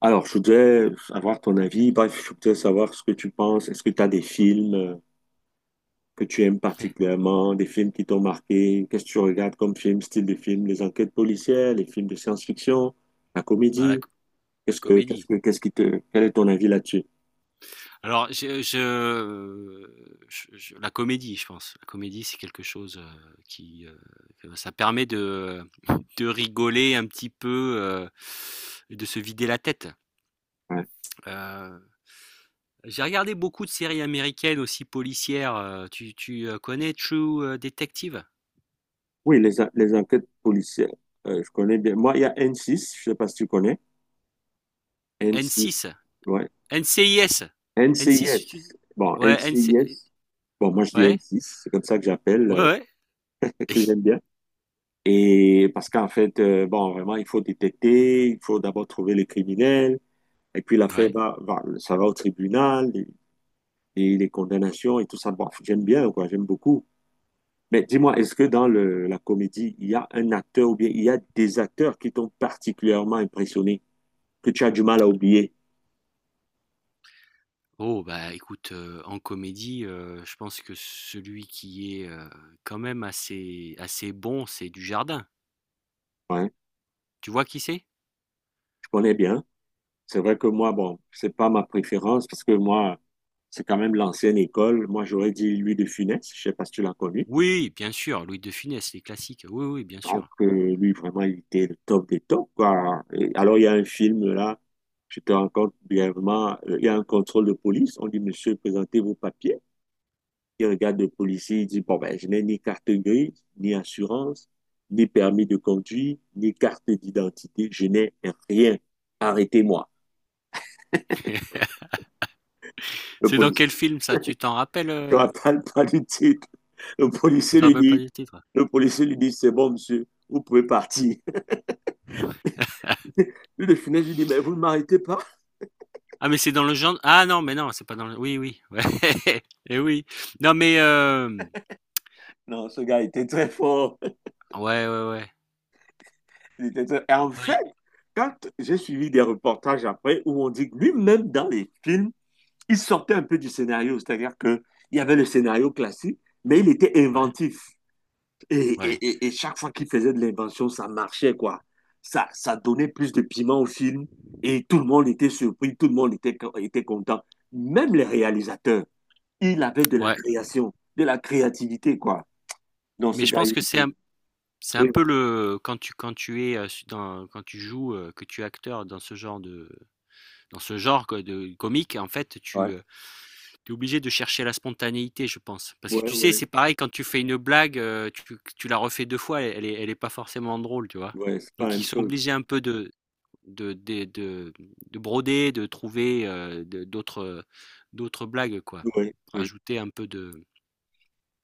Alors, je voudrais avoir ton avis. Bref, je voudrais savoir ce que tu penses. Est-ce que tu as des films que tu aimes particulièrement, des films qui t'ont marqué? Qu'est-ce que tu regardes comme film, style de film, les enquêtes policières, les films de science-fiction, la Ah, la, comédie? la Qu'est-ce que, qu'est-ce comédie. que, qu'est-ce qui te, quel est ton avis là-dessus? Alors, la comédie, je pense. La comédie, c'est quelque chose que ça permet de rigoler un petit peu, et de se vider la tête. Ouais. Euh, j'ai regardé beaucoup de séries américaines aussi policières. Connais True Detective? Oui, les enquêtes policières, je connais bien. Moi, il y a N6, je sais pas si tu connais. n N6, six ouais. NCIS. n N6, NCIS. tu... Bon, n Ouais, NC... NCIS. Bon, moi, je dis Ouais, N6, c'est comme ça que j'appelle, ouais, ouais, que j'aime bien. Et parce qu'en fait, bon, vraiment, il faut détecter, il faut d'abord trouver les criminels, et puis l'affaire ouais. Ça va au tribunal, et les condamnations et tout ça. Bon, j'aime bien, quoi, j'aime beaucoup. Mais dis-moi, est-ce que dans la comédie, il y a un acteur ou bien il y a des acteurs qui t'ont particulièrement impressionné, que tu as du mal à oublier? Oh bah écoute, en comédie, je pense que celui qui est, quand même assez assez bon, c'est Dujardin. Ouais, Tu vois qui c'est? je connais bien. C'est vrai que moi, bon, c'est pas ma préférence parce que moi, c'est quand même l'ancienne école. Moi, j'aurais dit lui de Funès. Je sais pas si tu l'as connu. Oui, bien sûr, Louis de Funès, les classiques. Oui, oui, bien Donc, sûr. Lui, vraiment, il était le top des tops, quoi. Et alors, il y a un film, là, je te raconte brièvement, il y a un contrôle de police. On dit, monsieur, présentez vos papiers. Il regarde le policier, il dit, bon, ben, je n'ai ni carte grise, ni assurance, ni permis de conduire, ni carte d'identité. Je n'ai rien. Arrêtez-moi. Le C'est dans policier, quel film ça? Tu t'en rappellestu rappelles pas du titre. Le Tu policier te lui rappelles pas dit, du titre? C'est bon, monsieur, vous pouvez partir. Lui, de finesse, lui dit, mais vous ne m'arrêtez pas. Ah mais c'est dans le genre ah non, mais non, c'est pas dans le oui, oui, ouais et oui. Non mais, Non, ce gars était très fort. ouais, ouais, ouais. Et en fait, Oui, quand j'ai suivi des reportages après où on dit que lui-même dans les films, il sortait un peu du scénario, c'est-à-dire que il y avait le scénario classique, mais il était ouais, inventif. Et, ouais, et- et- et chaque fois qu'il faisait de l'invention, ça marchait, quoi. Ça donnait plus de piment au film et tout le monde était surpris, tout le monde était content. Même les réalisateurs, il avait de la ouais, création, de la créativité, quoi. Dans mais ce je gars, pense il que était... c'est un Oui, peu le quand tu es, su dans quand tu joues, que tu es acteur dans ce genre de dans ce genre quoi de comique en fait ouais, tu, es obligé de chercher la spontanéité je pense. Parce que ouais. Ouais. tu sais, Ouais. c'est pareil quand tu fais une blague, tu la refais 2 fois, elle est pas forcément drôle, tu vois? Ouais, c'est pas la Donc ils même sont chose. obligés un peu de des de de broder, de trouver, de d'autres, d'autres blagues quoi. Oui, oui. Rajouter un peu de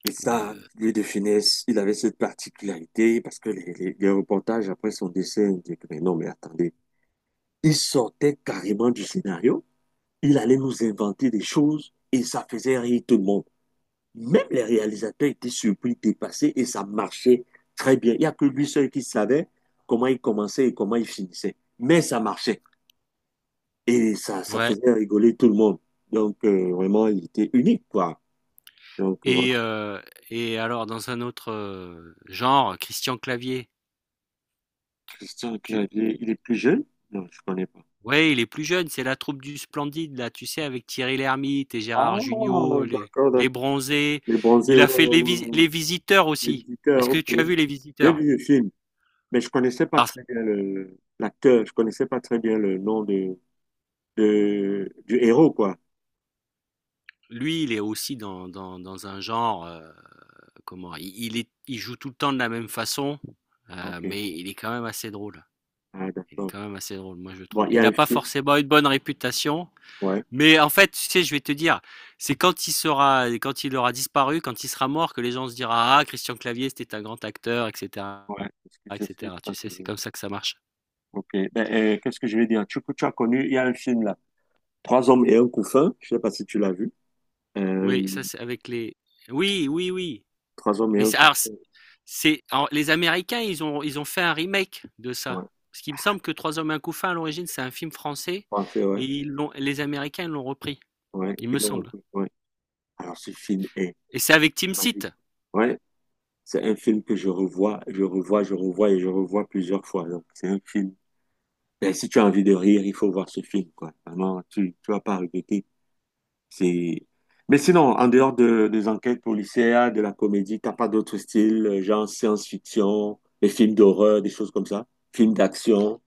Et ça, de lui de finesse, il avait cette particularité parce que les reportages après son décès indiquent, mais non, mais attendez, il sortait carrément du scénario, il allait nous inventer des choses et ça faisait rire tout le monde. Même les réalisateurs étaient surpris, dépassés et ça marchait très bien. Il n'y a que lui seul qui savait comment il commençait et comment il finissait. Mais ça marchait et ça ouais. faisait rigoler tout le monde. Donc, vraiment, il était unique, quoi. Donc, Et heu et alors dans un autre, genre, Christian Clavier, Christian tu Clavier, il est plus jeune? Non, je connais pas. ouais, il est plus jeune, c'est la troupe du Splendide là, tu sais, avec Thierry Lhermitte et Ah, Gérard Jugnot, les d'accord, les d'accord. Bronzés. Les bronzés, Il a ouais, fait ouais, les ouais. Visiteurs aussi. Est-ce L'éditeur, que ok. tu as vu les J'ai Visiteurs? vu le film, mais je connaissais pas Alors très bien l'acteur, je connaissais pas très bien le nom de, du héros, quoi. lui, il est aussi dans un genre, comment? Il joue tout le temps de la même façon, Ah, ok. mais il est quand même assez drôle. Ah, Il est d'accord. quand même assez drôle, moi je Bon, trouve. il y a Il un a pas film, forcément une bonne réputation. ouais. Mais en fait, tu sais, je vais te dire, c'est quand il sera, quand il aura disparu, quand il sera mort, que les gens se diront, ah, Christian Clavier, c'était un grand acteur, etc., Ouais, parce que ça se fait etc. pas Tu sais, c'est toujours. comme ça que ça marche. Ok. Ben, qu'est-ce que je vais dire? Tu as connu, il y a un film là. Trois hommes et un couffin. Je sais pas si tu l'as vu. Euh, Oui, ça, c'est avec les. Oui, oui, oui. Trois hommes et Mais un c'est, alors, couffin. Alors, les Américains, ils ont fait un remake de ça. Ouais, Parce qu'il me semble que Trois hommes et un couffin, à l'origine, c'est un film français, français, ouais. et les Américains ils l'ont repris, Ouais, il me ils l'ont semble. repris, ouais. Alors ce film est Et c'est avec Tim Seat. magique. Ouais, c'est un film que je revois plusieurs fois. Donc c'est un film. Ben, si tu as envie de rire, il faut voir ce film, quoi. Vraiment, tu vas pas regretter. C'est. Mais sinon, en dehors des enquêtes policières, de la comédie, t'as pas d'autres styles, genre science-fiction, des films d'horreur, des choses comme ça, films d'action,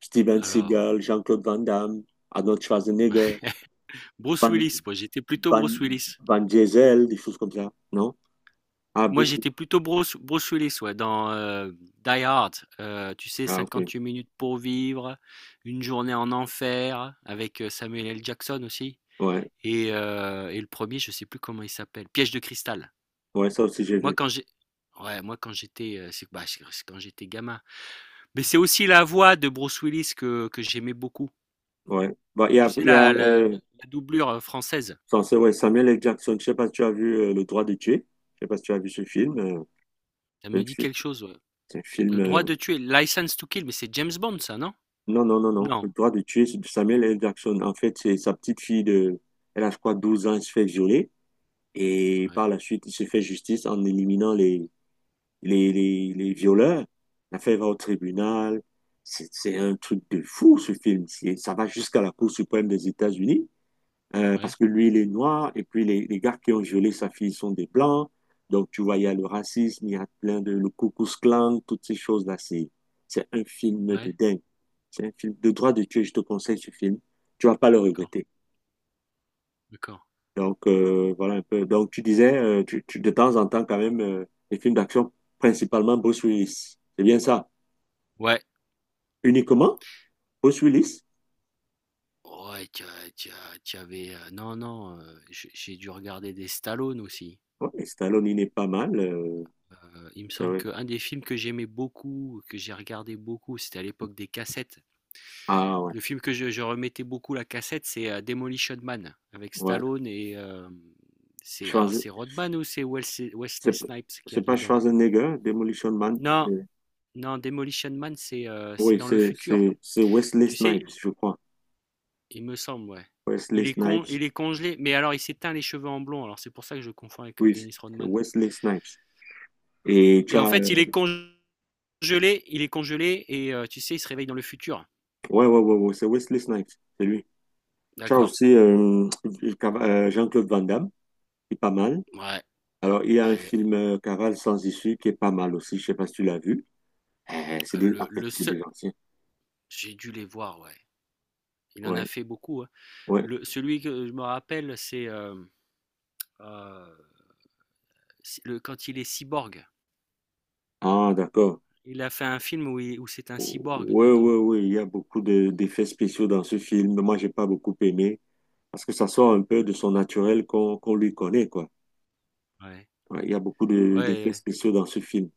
Steven Alors, Seagal, Jean-Claude Van Damme, Arnold Schwarzenegger, Bruce Van Willis, moi, j'étais plutôt Van Bruce Willis. Van Diesel, des choses comme ça, non? Ah, Moi, Bruce Willis. j'étais plutôt Bruce Willis, ouais, dans Die Hard. Tu sais, Ah, ok. 58 minutes pour vivre, une journée en enfer, avec Samuel L. Jackson aussi. Ouais. Et le premier, je sais plus comment il s'appelle, Piège de cristal. Ouais, ça aussi, j'ai Moi, vu. quand j'ai, ouais, moi quand j'étais, c'est bah, c'est quand j'étais gamin. Mais c'est aussi la voix de Bruce Willis que j'aimais beaucoup. Ouais. Bah, Tu sais, il y a la, la, la la doublure française, censé- ouais, Samuel L. Jackson. Je sais pas si tu as vu Le droit de tuer. Je sais pas si tu as vu ce film. Ça c'est me un dit film. quelque chose. Ouais. C'est un Le film, droit de tuer, License to Kill, mais c'est James Bond, ça, non? Non, non, non, non. Non. Le droit de tuer, c'est de Samuel L. Jackson. En fait, c'est sa petite fille de. Elle a, je crois, 12 ans. Elle se fait violer. Et Ouais, par la suite, il se fait justice en éliminant les violeurs. L'affaire va au tribunal. C'est un truc de fou, ce film. Ça va jusqu'à la Cour suprême des États-Unis. Parce ouais, que lui, il est noir, et puis les gars qui ont violé sa fille sont des blancs. Donc, tu vois, il y a le racisme, il y a plein de, le Ku Klux Klan, toutes ces choses-là. C'est un film de ouais. dingue. C'est un film de droit de Dieu, je te conseille ce film. Tu vas pas le D'accord, regretter. d'accord. Donc, voilà un peu. Donc, tu disais, de temps en temps, quand même, les films d'action, principalement Bruce Willis. C'est bien ça. Ouais, Uniquement Bruce Willis. ouais, tu avais, non, non, j'ai dû regarder des Stallone aussi. Ouais, et Stallone, il n'est pas mal. Il me C'est semble vrai. qu'un des films que j'aimais beaucoup, que j'ai regardé beaucoup, c'était à l'époque des cassettes. Ah, ouais. Le film que je remettais beaucoup la cassette, c'est, Demolition Man avec Stallone et Ouais. c'est Rodman ou c'est Wesley C'est Snipes qu'il y a pas dedans? Schwarzenegger, Demolition Man. Non, euh, non, Demolition Man, c'est Oui, dans le futur. C'est Wesley Tu sais, Snipes, je crois. il me semble, ouais. Wesley Il est con Snipes. il est congelé, mais alors il s'est teint les cheveux en blond, alors c'est pour ça que je confonds avec Oui, Dennis c'est Rodman. Wesley Snipes. Et tu Et en as... fait, il est congelé et tu sais, il se réveille dans le futur. Ouais, ouais, ouais, ouais, c'est Wesley Snipes, c'est lui. Tu as D'accord. aussi Jean-Claude Van Damme, qui est pas mal. Ouais. Alors, il y a un Ouais. film Cavale sans issue qui est pas mal aussi. Je sais pas si tu l'as vu. C'est Euh, des... En le, fait, le c'est seul. des anciens. J'ai dû les voir, ouais. Il en a Ouais, fait beaucoup, hein. ouais. Celui que je me rappelle, c'est euh, quand il est cyborg. Ah, d'accord. Il a fait un film où c'est un cyborg Oui, oui, dedans. oui, il y a beaucoup d'effets spéciaux dans ce film. Moi, j'ai pas beaucoup aimé parce que ça sort un peu de son naturel qu'on lui connaît, quoi. Ouais. Ouais, il y a beaucoup d'effets Ouais. spéciaux dans ce film.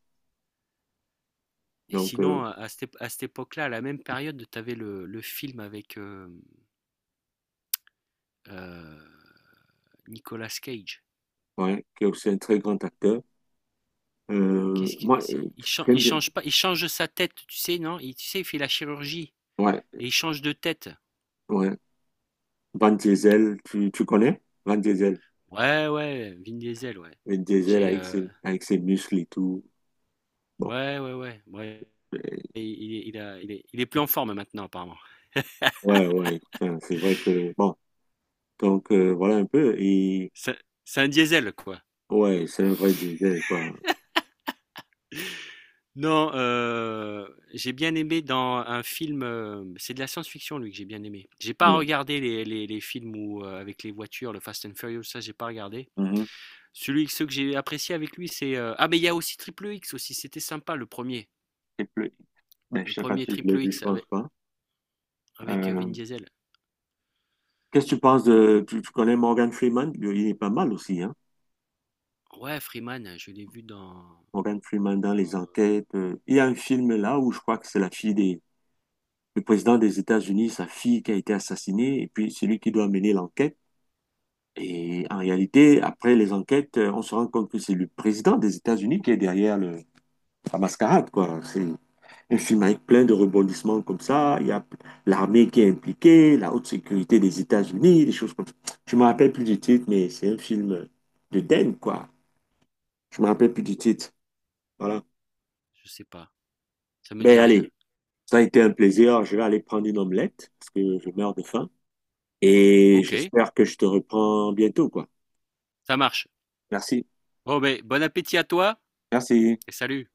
Et Donc, sinon, à cette ép à cette époque-là, à la même période, tu avais le film avec, heu, Nicolas Cage. ouais, qui est aussi un très grand acteur. Euh, Qu'est-ce que moi, c'est euh, il chan J'aime il bien. change pas il change sa tête, tu sais, non? Il Tu sais, il fait la chirurgie Ouais, et il change de tête. ouais. Van Diesel, tu connais? Van Diesel. Ouais, ouais, Vin Diesel, ouais. Van Diesel J'ai, heu, avec ses muscles et tout. Bon, ouais, ouais, ouais, ouais, euh, il est il a il est plus en forme maintenant apparemment. ouais, ouais. Enfin, c'est vrai que, bon. Donc, voilà un peu. Et, C'est c'est un diesel, quoi. ouais, c'est un vrai Diesel, quoi. Non, j'ai bien aimé dans un film, c'est de la science-fiction lui que j'ai bien aimé. J'ai pas Mm. regardé les films où, avec les voitures, le Fast and Furious, ça j'ai pas regardé. Mhm. Celui Ceux que j'ai apprécié avec lui, c'est, ah mais il y a aussi Triple X aussi, c'était sympa le premier. Et plus- ben, Le je sais pas premier er si je l'ai Triple vu, je X pense pas. avec, Euh, Vin Diesel. qu'est-ce que tu penses de... tu connais Morgan Freeman? Il est pas mal aussi, hein? Ouais, Freeman, je l'ai vu dans Morgan Freeman dans les dans, heu, enquêtes. Il y a un film là où je crois que c'est la fille du président des États-Unis, sa fille qui a été assassinée, et puis c'est lui qui doit mener l'enquête. Et en réalité, après les enquêtes, on se rend compte que c'est le président des États-Unis qui est derrière la mascarade, quoi. C'est un film avec plein de rebondissements comme ça. Il y a l'armée qui est impliquée, la haute sécurité des États-Unis, des choses comme ça. Je me rappelle plus du titre, mais c'est un film de Den, quoi. Je me rappelle plus du titre. Voilà. je sais pas, ça me Ben dit rien. allez, ça a été un plaisir. Je vais aller prendre une omelette parce que je meurs de faim. Et OK, j'espère que je te reprends bientôt, quoi. ça marche. Merci. Bon appétit à toi Merci. et salut.